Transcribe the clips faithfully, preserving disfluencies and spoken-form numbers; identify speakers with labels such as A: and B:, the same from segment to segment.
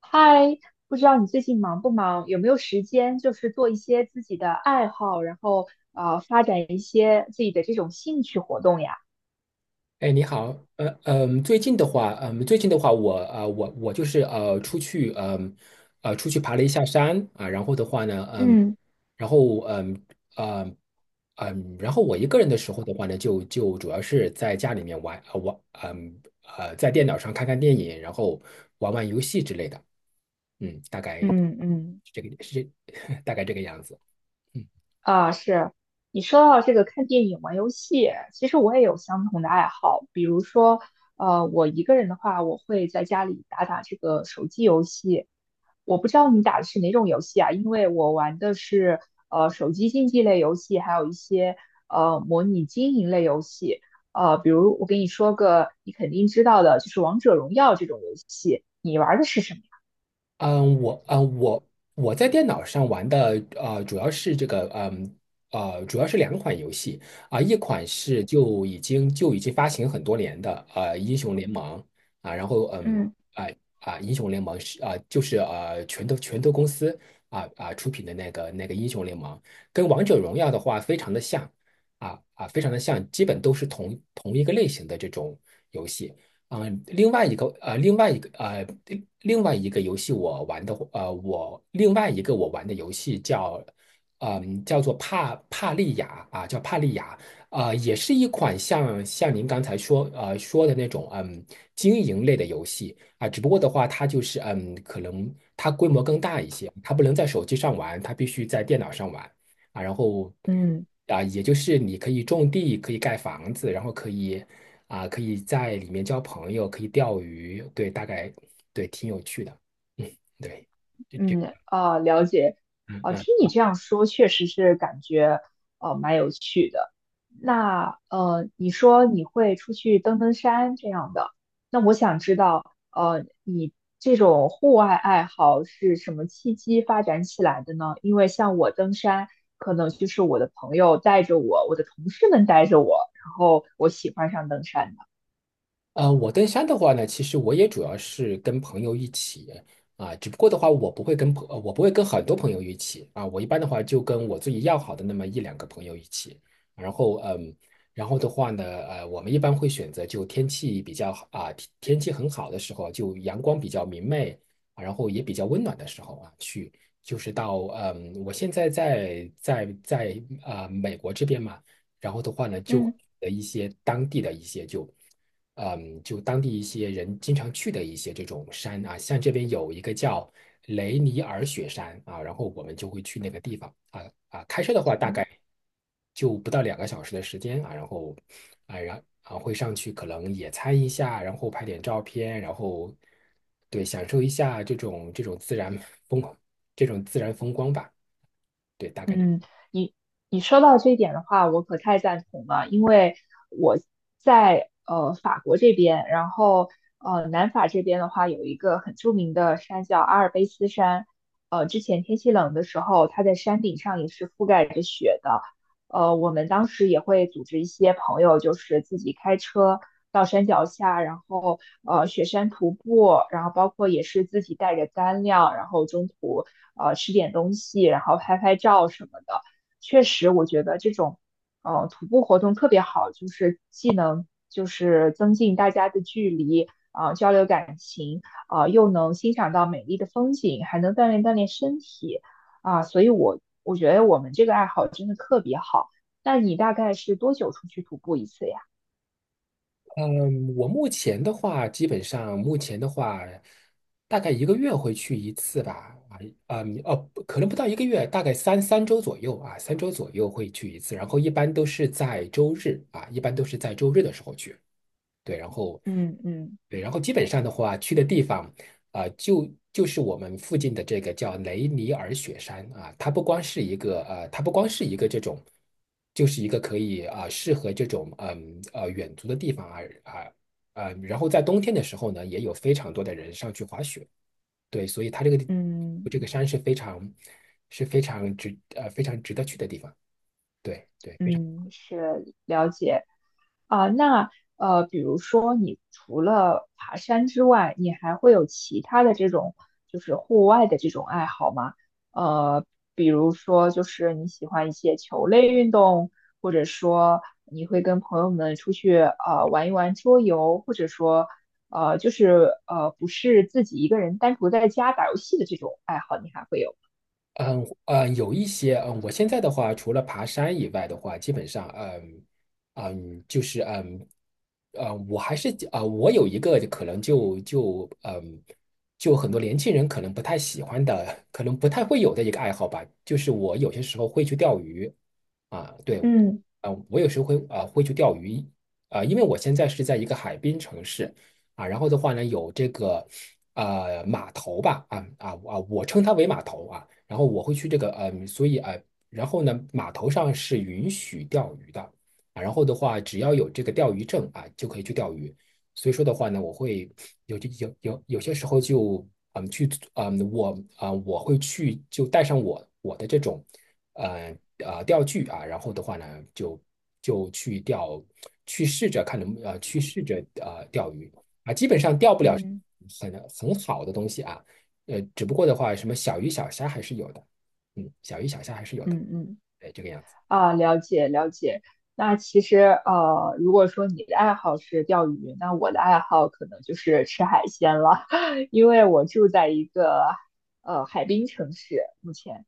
A: 嗨，不知道你最近忙不忙，有没有时间，就是做一些自己的爱好，然后呃，发展一些自己的这种兴趣活动呀？
B: 哎，你好。呃，嗯，最近的话，嗯，最近的话，我呃，我我就是呃，出去，嗯，呃，出去爬了一下山啊。然后的话呢，嗯，
A: 嗯
B: 然后嗯，嗯，嗯，然后我一个人的时候的话呢，就就主要是在家里面玩，呃，玩，嗯，呃，在电脑上看看电影，然后玩玩游戏之类的。嗯，大概
A: 嗯嗯，
B: 是这个，是 大概这个样子。嗯。
A: 啊，是你说到这个看电影、玩游戏，其实我也有相同的爱好。比如说，呃，我一个人的话，我会在家里打打这个手机游戏。我不知道你打的是哪种游戏啊？因为我玩的是呃手机竞技类游戏，还有一些呃模拟经营类游戏。呃，比如我给你说个你肯定知道的，就是《王者荣耀》这种游戏，你玩的是什么呀？
B: 嗯，我嗯我我在电脑上玩的呃，主要是这个嗯呃，主要是两款游戏。啊、一款是就已经就已经发行很多年的呃《英雄联盟》。啊，然后嗯
A: 嗯。
B: 啊啊，英雄联盟》是啊、就是呃拳头拳头公司。啊啊出品的那个那个《英雄联盟》，跟《王者荣耀》的话非常的像。啊啊，非常的像，基本都是同同一个类型的这种游戏。嗯，另外一个呃，另外一个呃，另另外一个游戏我玩的呃，我另外一个我玩的游戏叫嗯，叫做帕帕利亚。啊，叫帕利亚。啊，也是一款像像您刚才说呃说的那种嗯经营类的游戏。啊，只不过的话，它就是嗯，可能它规模更大一些，它不能在手机上玩，它必须在电脑上玩。啊，然后
A: 嗯。
B: 啊，也就是你可以种地，可以盖房子，然后可以啊，可以在里面交朋友，可以钓鱼。对，大概对，挺有趣的。嗯，对。
A: 嗯啊，了解。哦，听你这样说，确实是感觉哦蛮有趣的。那呃，你说你会出去登登山这样的，那我想知道，呃，你这种户外爱好是什么契机发展起来的呢？因为像我登山，可能就是我的朋友带着我，我的同事们带着我，然后我喜欢上登山的。
B: 呃，我登山的话呢，其实我也主要是跟朋友一起。啊，只不过的话，我不会跟朋，呃我不会跟很多朋友一起。啊，我一般的话就跟我自己要好的那么一两个朋友一起。然后嗯，然后的话呢，呃，我们一般会选择就天气比较好，啊，天天气很好的时候，就阳光比较明媚，啊然后也比较温暖的时候。啊，去就是到嗯，我现在在在在啊、美国这边嘛。然后的话呢，就
A: 嗯。
B: 的一些当地的一些就。嗯，就当地一些人经常去的一些这种山。啊，像这边有一个叫雷尼尔雪山。啊，然后我们就会去那个地方。啊啊，开车的话大概就不到两个小时的时间。啊，然后啊然啊会上去可能野餐一下，然后拍点照片，然后对享受一下这种这种自然风这种自然风光吧。对，大概。这。
A: 嗯，你你说到这一点的话，我可太赞同了，因为我在呃法国这边，然后呃南法这边的话，有一个很著名的山叫阿尔卑斯山，呃之前天气冷的时候，它在山顶上也是覆盖着雪的。呃，我们当时也会组织一些朋友，就是自己开车到山脚下，然后呃雪山徒步，然后包括也是自己带着干粮，然后中途呃吃点东西，然后拍拍照什么的。确实，我觉得这种呃徒步活动特别好，就是既能就是增进大家的距离啊、交流感情啊、又能欣赏到美丽的风景，还能锻炼锻炼身体。啊，所以我我觉得我们这个爱好真的特别好。那你大概是多久出去徒步一次呀？
B: 嗯，我目前的话，基本上目前的话，大概一个月会去一次吧。啊，嗯，哦，不可能不到一个月，大概三三周左右。啊，三周左右会去一次。然后一般都是在周日，啊，一般都是在周日的时候去。对，然后
A: 嗯嗯
B: 对，然后基本上的话，去的地方啊、就就是我们附近的这个叫雷尼尔雪山。啊，它不光是一个呃，它不光是一个这种，就是一个可以啊、适合这种嗯呃远足的地方。啊啊，呃，然后在冬天的时候呢，也有非常多的人上去滑雪。对，所以它这个地
A: 嗯
B: 这个山是非常是非常值呃非常值得去的地方。对对。
A: 嗯，啊，那呃，比如说你除了爬山之外，你还会有其他的这种就是户外的这种爱好吗？呃，比如说就是你喜欢一些球类运动，或者说你会跟朋友们出去呃玩一玩桌游，或者说呃就是呃不是自己一个人单独在家打游戏的这种爱好，你还会有吗？
B: 嗯嗯，有一些嗯，我现在的话，除了爬山以外的话，基本上嗯嗯，就是嗯嗯我还是啊、我有一个可能就就嗯，就很多年轻人可能不太喜欢的，可能不太会有的一个爱好吧，就是我有些时候会去钓鱼。啊，对。
A: 嗯
B: 啊，我有时候会啊会去钓鱼。啊，因为我现在是在一个海滨城市。啊，然后的话呢有这个呃码头吧。啊啊啊，我称它为码头。啊，然后我会去这个呃，所以啊，然后呢码头上是允许钓鱼的。啊，然后的话只要有这个钓鱼证啊就可以去钓鱼。所以说的话呢，我会有有有有些时候就嗯去嗯我啊、呃我会去就带上我我的这种呃呃钓具。啊，然后的话呢就就去钓去试着看能呃去试着呃钓鱼。啊，基本上钓不了
A: 嗯。
B: 很很好的东西。啊，呃只不过的话什么小鱼小虾还是有的。嗯小鱼小虾还是有的。
A: 嗯嗯。
B: 哎这个样子。
A: 啊，了解了解。那其实呃，如果说你的爱好是钓鱼，那我的爱好可能就是吃海鲜了，因为我住在一个呃海滨城市，目前。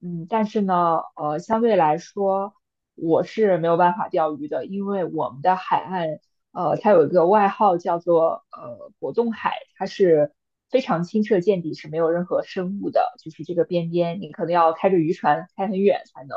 A: 嗯，但是呢，呃，相对来说，我是没有办法钓鱼的，因为我们的海岸，呃，它有一个外号叫做呃果冻海，它是非常清澈见底，是没有任何生物的，就是这个边边你可能要开着渔船开很远才能。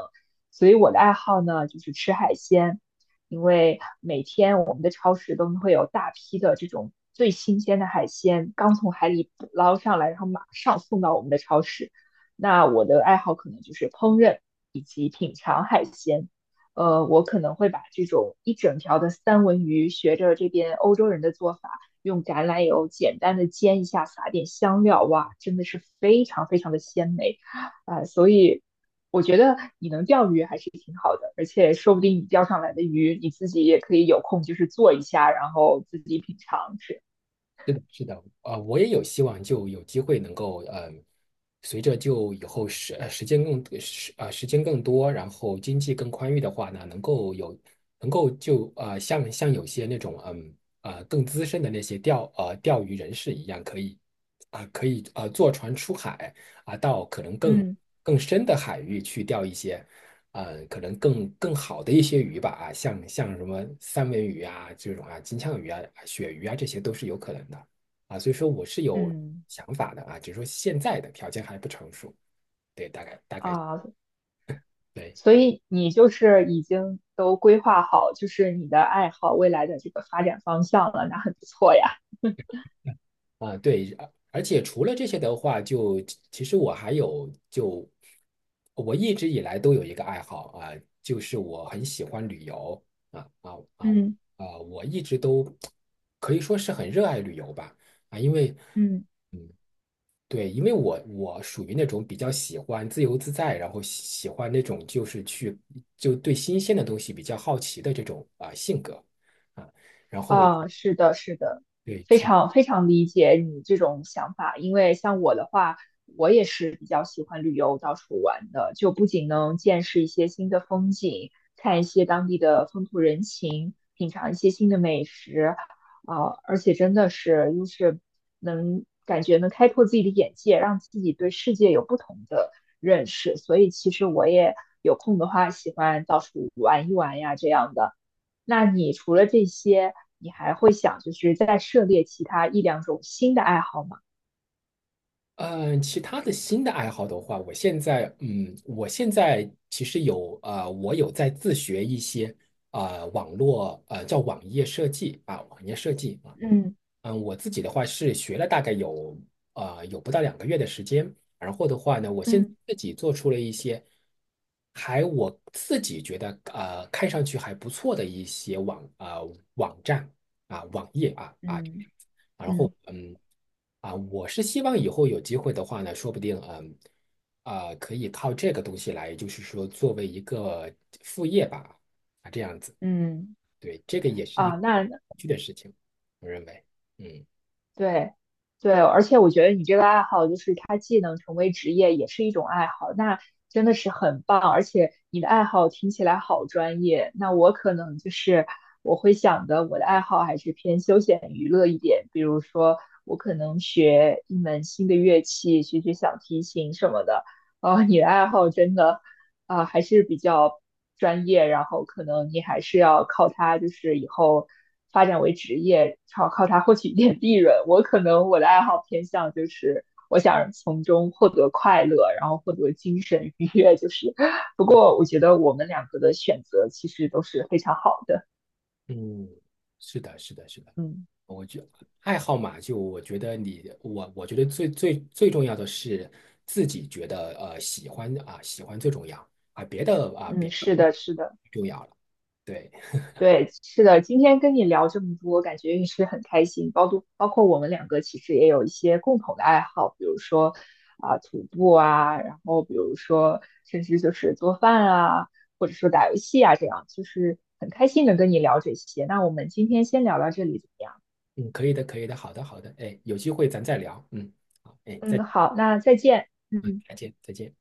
A: 所以我的爱好呢，就是吃海鲜，因为每天我们的超市都会有大批的这种最新鲜的海鲜，刚从海里捕捞上来，然后马上送到我们的超市。那我的爱好可能就是烹饪以及品尝海鲜。呃，我可能会把这种一整条的三文鱼，学着这边欧洲人的做法，用橄榄油简单的煎一下，撒点香料，哇，真的是非常非常的鲜美啊，所以我觉得你能钓鱼还是挺好的，而且说不定你钓上来的鱼，你自己也可以有空就是做一下，然后自己品尝吃。
B: 是的，是的。啊、我也有希望，就有机会能够，嗯、随着就以后时呃时间更时啊、时间更多，然后经济更宽裕的话呢，能够有能够就啊、呃像像有些那种嗯啊、呃更资深的那些钓呃钓鱼人士一样，可以啊、可以啊、呃坐船出海。啊、到可能更
A: 嗯
B: 更深的海域去钓一些。呃，可能更更好的一些鱼吧。啊，像像什么三文鱼啊这种。啊，金枪鱼啊、啊鳕鱼啊，这些都是有可能的。啊。所以说我是有
A: 嗯
B: 想法的。啊，只是说现在的条件还不成熟。对，大概大概
A: 啊，
B: 对。
A: 所以你就是已经都规划好，就是你的爱好未来的这个发展方向了，那很不错呀。
B: 啊，对，而而且除了这些的话，就其实我还有就我一直以来都有一个爱好。啊，就是我很喜欢旅游。啊啊啊
A: 嗯
B: 啊，我一直都可以说是很热爱旅游吧。啊，因为。
A: 嗯。
B: 对，因为我我属于那种比较喜欢自由自在，然后喜喜欢那种就是去就对新鲜的东西比较好奇的这种啊、性格。啊，然后
A: 啊，是的，是的，
B: 对
A: 非
B: 从
A: 常非常理解你这种想法，因为像我的话，我也是比较喜欢旅游到处玩的，就不仅能见识一些新的风景，看一些当地的风土人情，品尝一些新的美食，啊，而且真的是就是能感觉能开拓自己的眼界，让自己对世界有不同的认识，所以其实我也有空的话，喜欢到处玩一玩呀，这样的。那你除了这些，你还会想就是再涉猎其他一两种新的爱好吗？
B: 嗯、呃其他的新的爱好的话，我现在嗯我现在其实有啊呃我有在自学一些啊、呃网络呃叫网页设计啊网页设计啊。
A: 嗯
B: 嗯，我自己的话是学了大概有呃有不到两个月的时间，然后的话呢，我现在
A: 嗯
B: 自己做出了一些还我自己觉得呃看上去还不错的一些网呃网站啊网页啊啊，
A: 嗯
B: 然后
A: 嗯
B: 嗯啊，我是希望以后有机会的话呢，说不定嗯啊可以靠这个东西来，就是说作为一个副业吧。啊这样子。
A: 嗯
B: 对，这个也是一
A: 啊，
B: 个
A: 那
B: 有趣的事情，我认为。嗯。
A: 对，对，而且我觉得你这个爱好，就是它既能成为职业，也是一种爱好，那真的是很棒。而且你的爱好听起来好专业，那我可能就是我会想的，我的爱好还是偏休闲娱乐一点，比如说我可能学一门新的乐器，学学小提琴什么的。哦，你的爱好真的。啊、还是比较专业，然后可能你还是要靠它，就是以后发展为职业，靠靠它获取一点利润。我可能我的爱好偏向就是我想从中获得快乐，然后获得精神愉悦，就是。不过我觉得我们两个的选择其实都是非常好的。
B: 嗯，是的，是的，是的，
A: 嗯
B: 我觉爱好嘛，就我觉得你我我觉得最最最重要的是自己觉得呃喜欢啊、喜欢最重要。啊，别的啊别
A: 嗯，
B: 的
A: 是
B: 不
A: 的，是的。
B: 重要了。对，
A: 对，是的，今天跟你聊这么多，感觉也是很开心。包括包括我们两个其实也有一些共同的爱好，比如说啊、徒步啊，然后比如说甚至就是做饭啊，或者说打游戏啊，这样就是很开心能跟你聊这些。那我们今天先聊到这里怎么样？
B: 嗯，可以的，可以的，好的，好的，哎，有机会咱再聊，嗯，好，哎，再
A: 嗯，好，那再见。嗯。
B: 再见，再见。